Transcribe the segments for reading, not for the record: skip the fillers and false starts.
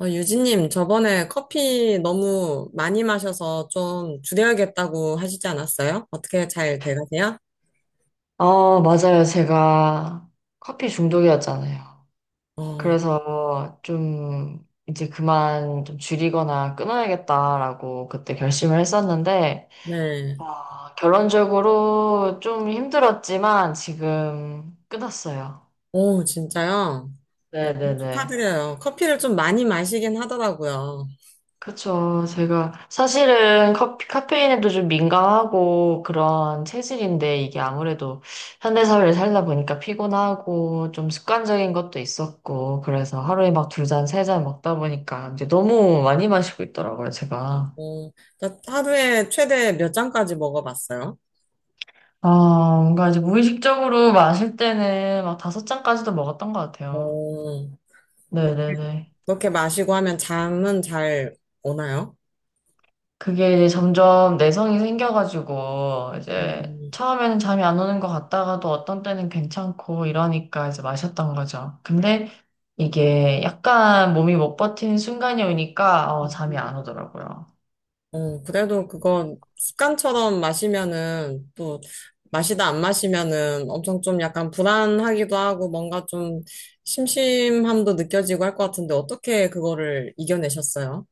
유진님, 저번에 커피 너무 많이 마셔서 좀 줄여야겠다고 하시지 않았어요? 어떻게 잘 돼가세요? 아, 맞아요. 제가 커피 중독이었잖아요. 어, 그래서 좀 이제 그만 좀 줄이거나 끊어야겠다라고 그때 결심을 했었는데, 네. 아, 결론적으로 좀 힘들었지만 지금 끊었어요. 오, 진짜요? 어, 네네네. 축하드려요. 커피를 좀 많이 마시긴 하더라고요. 그쵸. 제가 사실은 커피, 카페인에도 좀 민감하고 그런 체질인데 이게 아무래도 현대사회를 살다 보니까 피곤하고 좀 습관적인 것도 있었고 그래서 하루에 막 2잔, 3잔 먹다 보니까 이제 너무 많이 마시고 있더라고요, 제가. 어, 나 하루에 최대 몇 잔까지 먹어봤어요? 아, 뭔가 이제 무의식적으로 마실 때는 막 다섯 잔까지도 먹었던 것 같아요. 어, 네네네. 그렇게 마시고 하면 잠은 잘 오나요? 그게 이제 점점 내성이 생겨가지고, 이제 음. 처음에는 잠이 안 오는 것 같다가도 어떤 때는 괜찮고 이러니까 이제 마셨던 거죠. 근데 이게 약간 몸이 못 버티는 순간이 오니까 잠이 안 오더라고요. 그래도 그건 습관처럼 마시면은 또 마시다 안 마시면은 엄청 좀 약간 불안하기도 하고 뭔가 좀 심심함도 느껴지고 할 것 같은데 어떻게 그거를 이겨내셨어요?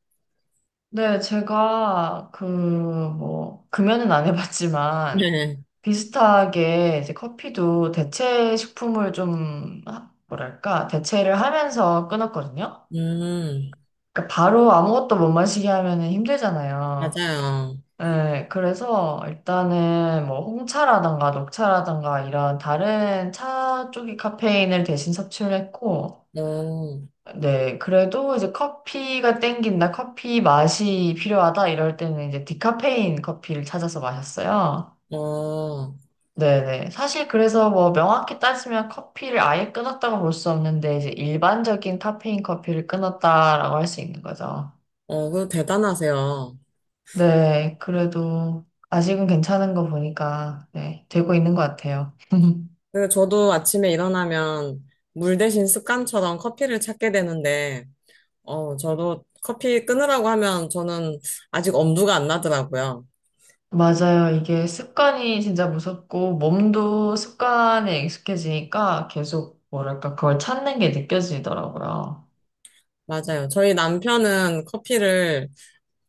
네, 제가 그 뭐, 금연은 안 해봤지만, 네. 비슷하게 이제 커피도 대체 식품을 좀, 뭐랄까, 대체를 하면서 끊었거든요. 음, 그러니까 바로 아무것도 못 마시게 하면은 힘들잖아요. 맞아요. 네, 그래서 일단은 뭐 홍차라던가 녹차라던가 이런 다른 차 쪽의 카페인을 대신 섭취를 했고, 어, 네, 그래도 이제 커피가 땡긴다, 커피 맛이 필요하다 이럴 때는 이제 디카페인 커피를 찾아서 마셨어요. 어, 네네. 사실 그래서 뭐 명확히 따지면 커피를 아예 끊었다고 볼 수 없는데, 이제 일반적인 카페인 커피를 끊었다라고 할 수 있는 거죠. 그 대단하세요. 네, 그래도 아직은 괜찮은 거 보니까, 네, 되고 있는 것 같아요. 그 저도 아침에 일어나면 물 대신 습관처럼 커피를 찾게 되는데, 저도 커피 끊으라고 하면 저는 아직 엄두가 안 나더라고요. 맞아요. 이게 습관이 진짜 무섭고, 몸도 습관에 익숙해지니까 계속, 뭐랄까, 그걸 찾는 게 느껴지더라고요. 맞아요. 저희 남편은 커피를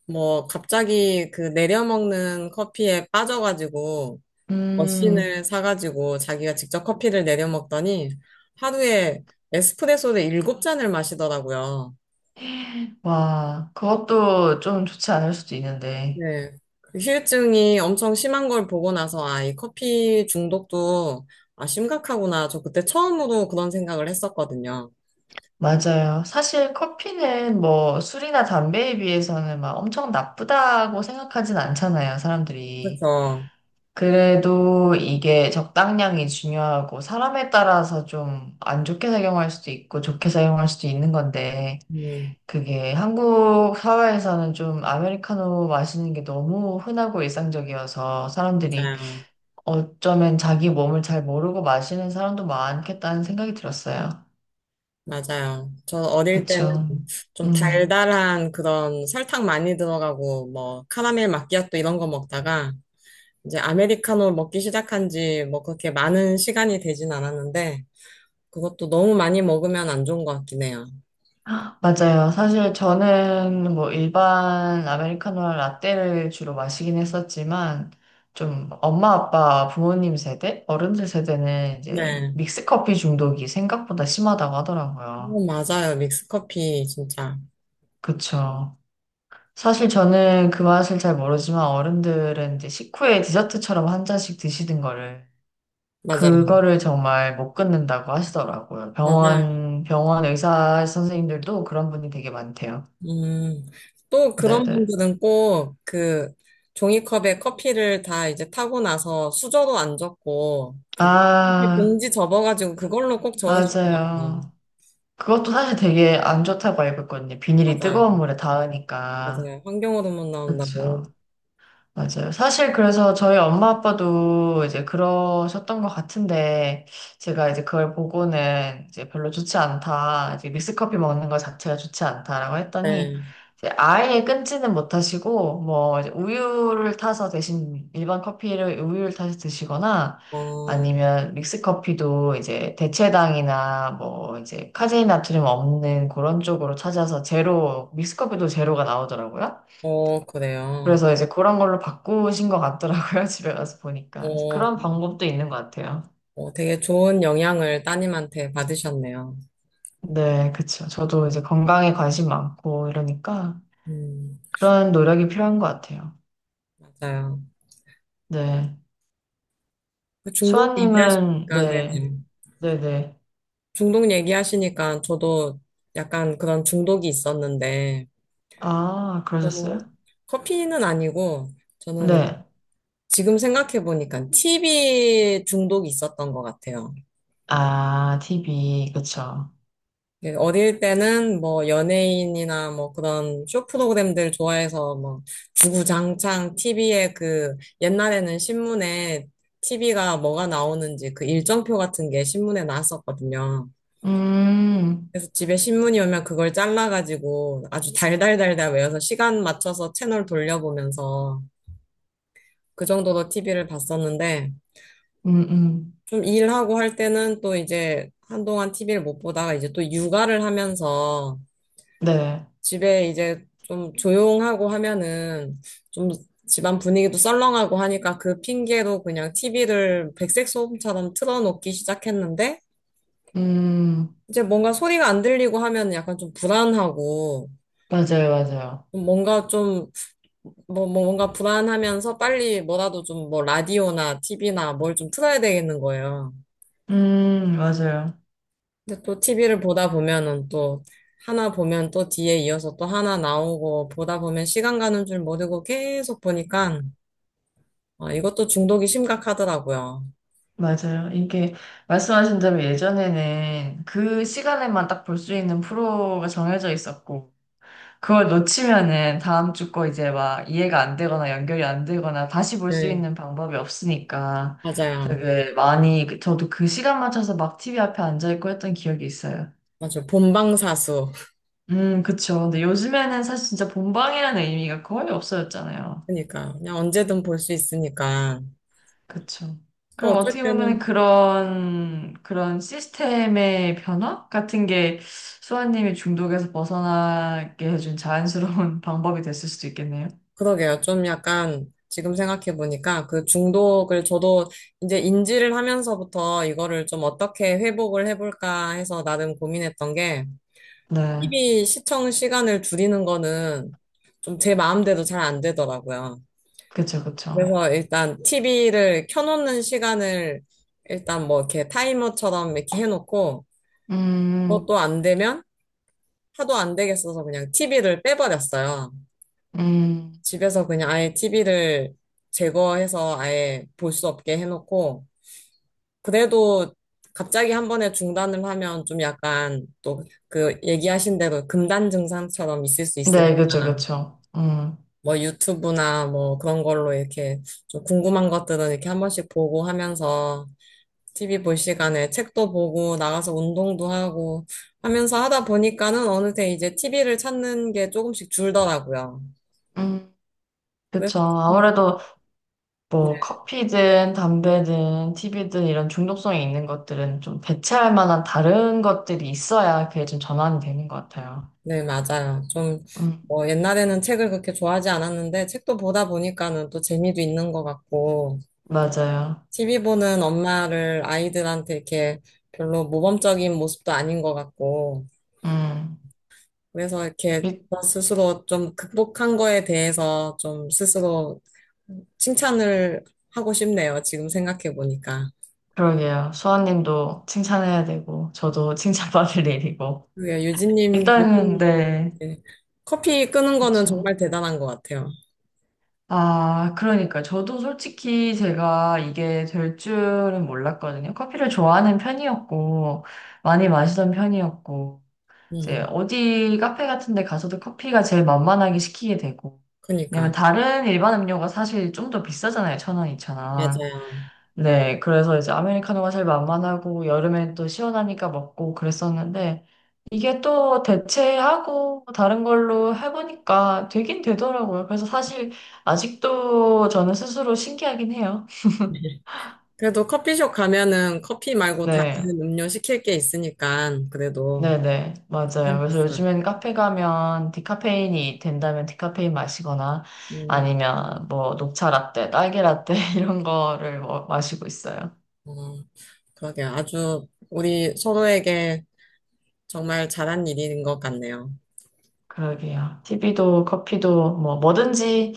뭐 갑자기 그 내려먹는 커피에 빠져가지고 음. 머신을 사가지고 자기가 직접 커피를 내려먹더니 하루에 에스프레소를 일곱 잔을 마시더라고요. 와, 그것도 좀 좋지 않을 수도 있는데. 네. 그 후유증이 엄청 심한 걸 보고 나서 아, 이 커피 중독도 아, 심각하구나. 저 그때 처음으로 그런 생각을 했었거든요. 맞아요. 사실 커피는 뭐 술이나 담배에 비해서는 막 엄청 나쁘다고 생각하진 않잖아요, 사람들이. 그렇죠. 그래도 이게 적당량이 중요하고 사람에 따라서 좀 안 좋게 작용할 수도 있고 좋게 작용할 수도 있는 건데 음, 그게 한국 사회에서는 좀 아메리카노 마시는 게 너무 흔하고 일상적이어서 사람들이 맞아요. 어쩌면 자기 몸을 잘 모르고 마시는 사람도 많겠다는 생각이 들었어요. 맞아요. 저 어릴 때는 그쵸. 좀 음. 달달한 그런 설탕 많이 들어가고 뭐 카라멜 마끼아또 이런 거 먹다가 이제 아메리카노 먹기 시작한 지 뭐 그렇게 많은 시간이 되진 않았는데 그것도 너무 많이 먹으면 안 좋은 것 같긴 해요. 맞아요. 사실 저는 뭐 일반 아메리카노랑 라떼를 주로 마시긴 했었지만 좀 엄마 아빠 부모님 세대 어른들 세대는 이제 네. 믹스커피 중독이 생각보다 심하다고 하더라고요. 맞아요. 믹스커피 진짜. 그쵸. 사실 저는 그 맛을 잘 모르지만 어른들은 이제 식후에 디저트처럼 1잔씩 드시는 거를 맞아요. 그거를 정말 못 끊는다고 하시더라고요. 맞아요. 병원 의사 선생님들도 그런 분이 되게 많대요. 음. 또 그런 네네. 분들은 꼭 그 종이컵에 커피를 다 이제 타고 나서 수저로 안 젓고 그 커피 아. 봉지 접어가지고 그걸로 꼭 맞아요. 저으시더라고요. 그것도 사실 되게 안 좋다고 알고 있거든요. 비닐이 맞아요. 뜨거운 물에 닿으니까. 맞아요. 환경으로만 그렇죠. 나온다고. 맞아요. 사실 그래서 저희 엄마 아빠도 이제 그러셨던 것 같은데, 제가 이제 그걸 보고는 이제 별로 좋지 않다, 이제 믹스커피 먹는 것 자체가 좋지 않다라고 했더니, 네. 이제 아예 끊지는 못하시고, 뭐, 이제 우유를 타서 대신 일반 커피를 우유를 타서 드시거나, 어, 아니면 믹스커피도 이제 대체당이나 뭐 이제 카제인 나트륨 없는 그런 쪽으로 찾아서 제로, 믹스커피도 제로가 나오더라고요. 그래요. 그래서 이제 그런 걸로 바꾸신 것 같더라고요. 집에 가서 보니까. 그래서 어, 그런 방법도 있는 것 같아요. 되게 좋은 영향을 따님한테 받으셨네요. 네, 그쵸. 저도 이제 건강에 관심 많고 이러니까 음, 그런 노력이 필요한 것 같아요. 맞아요. 네. 그 중독 수아님은, 얘기하시니까, 네. 네, 네. 네네. 중독 얘기하시니까 저도 약간 그런 중독이 있었는데, 아, 그러셨어요? 저는 커피는 아니고, 저는 네. 지금 생각해보니까 TV 중독이 있었던 것 같아요. 아, TV, 그쵸. 예, 어릴 때는 뭐 연예인이나 뭐 그런 쇼 프로그램들 좋아해서 뭐 주구장창 TV에 그 옛날에는 신문에 TV가 뭐가 나오는지 그 일정표 같은 게 신문에 나왔었거든요. 음, 그래서 집에 신문이 오면 그걸 잘라가지고 아주 달달달달 외워서 시간 맞춰서 채널 돌려보면서 그 정도로 TV를 봤었는데 음, 음. 좀 일하고 할 때는 또 이제 한동안 TV를 못 보다가 이제 또 육아를 하면서 네. 집에 이제 좀 조용하고 하면은 좀 집안 분위기도 썰렁하고 하니까 그 핑계로 그냥 TV를 백색 소음처럼 틀어놓기 시작했는데 음, 이제 뭔가 소리가 안 들리고 하면 약간 좀 불안하고 맞아요, 맞아요. 좀 뭔가 좀 뭐 뭔가 불안하면서 빨리 뭐라도 좀 뭐 라디오나 TV나 뭘 좀 틀어야 되겠는 거예요. 맞아요. 근데 또 TV를 보다 보면은 또 하나 보면 또 뒤에 이어서 또 하나 나오고 보다 보면 시간 가는 줄 모르고 계속 보니까 아, 이것도 중독이 심각하더라고요. 맞아요. 이게 말씀하신 대로 예전에는 그 시간에만 딱 볼 수 있는 프로가 정해져 있었고, 그걸 놓치면은 다음 주 거 이제 막 이해가 안 되거나 연결이 안 되거나 다시 볼 수 네, 있는 방법이 없으니까 맞아요. 되게 많이, 저도 그 시간 맞춰서 막 TV 앞에 앉아있고 했던 기억이 있어요. 맞아요. 본방사수. 그쵸. 근데 요즘에는 사실 진짜 본방이라는 의미가 거의 없어졌잖아요. 그러니까 그냥 언제든 볼 수 있으니까. 그쵸. 그러니까 그럼 어쩔 어떻게 보면 때는 그런, 그런 시스템의 변화 같은 게 수아님이 중독에서 벗어나게 해준 자연스러운 방법이 됐을 수도 있겠네요. 그러게요. 좀 약간 지금 생각해 보니까 그 중독을 저도 이제 인지를 하면서부터 이거를 좀 어떻게 회복을 해볼까 해서 나름 고민했던 게 네. TV 시청 시간을 줄이는 거는 좀 제 마음대로 잘 안 되더라고요. 그쵸, 그쵸. 그래서 일단 TV를 켜놓는 시간을 일단 뭐 이렇게 타이머처럼 이렇게 해놓고 음, 그것도 안 되면 하도 안 되겠어서 그냥 TV를 빼버렸어요. 음. 집에서 그냥 아예 TV를 제거해서 아예 볼 수 없게 해놓고 그래도 갑자기 한 번에 중단을 하면 좀 약간 또 그 얘기하신 대로 금단 증상처럼 있을 수 있으니까 네, 그쵸, 그쵸. 뭐 유튜브나 뭐 그런 걸로 이렇게 좀 궁금한 것들은 이렇게 한 번씩 보고 하면서 TV 볼 시간에 책도 보고 나가서 운동도 하고 하면서 하다 보니까는 어느새 이제 TV를 찾는 게 조금씩 줄더라고요. 음. 그래서. 그쵸. 아무래도 뭐 커피든 담배든 TV든 이런 중독성이 있는 것들은 좀 대체할 만한 다른 것들이 있어야 그게 좀 전환이 되는 것 같아요. 네, 맞아요. 좀 음, 뭐 옛날에는 책을 그렇게 좋아하지 않았는데 책도 보다 보니까는 또 재미도 있는 것 같고 맞아요. TV 보는 엄마를 아이들한테 이렇게 별로 모범적인 모습도 아닌 것 같고 음. 그래서 이렇게 일- 저 스스로 좀 극복한 거에 대해서 좀 스스로 칭찬을 하고 싶네요. 지금 생각해 보니까. 그러게요. 수아님도 칭찬해야 되고, 저도 칭찬받을 일이고. 그게 유진님, 일단은, 유진님, 네. 네. 커피 끄는 거는 그쵸. 정말 대단한 것 같아요. 아, 그러니까. 저도 솔직히 제가 이게 될 줄은 몰랐거든요. 커피를 좋아하는 편이었고, 많이 마시던 편이었고, 이제 음, 어디 카페 같은 데 가서도 커피가 제일 만만하게 시키게 되고. 왜냐면 그니까. 다른 일반 음료가 사실 좀 더 비싸잖아요. 1,000원, 2,000원. 맞아요. 네, 그래서 이제 아메리카노가 제일 만만하고 여름엔 또 시원하니까 먹고 그랬었는데 이게 또 대체하고 다른 걸로 해보니까 되긴 되더라고요. 그래서 사실 아직도 저는 스스로 신기하긴 해요. 그래도 커피숍 가면은 커피 말고 다른 네, 음료 시킬 게 있으니까 그래도 네네, 맞아요. 그래서 괜찮겠어요. 요즘엔 카페 가면 디카페인이 된다면 디카페인 마시거나 음, 아니면 뭐 녹차 라떼, 딸기 라떼 이런 거를 뭐 마시고 있어요. 어, 그러게요. 아주 우리 서로에게 정말 잘한 일인 것 같네요. 그러게요. TV도 커피도 뭐 뭐든지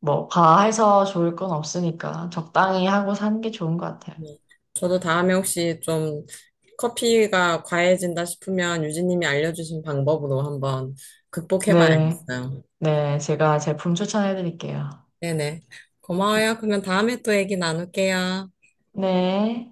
뭐 과해서 좋을 건 없으니까 적당히 하고 사는 게 좋은 것 같아요. 네. 저도 다음에 혹시 좀 커피가 과해진다 싶으면 유진님이 알려주신 방법으로 한번 네, 극복해봐야겠어요. 네, 제가 제품 추천해 드릴게요. 네네. 고마워요. 그러면 다음에 또 얘기 나눌게요. 네.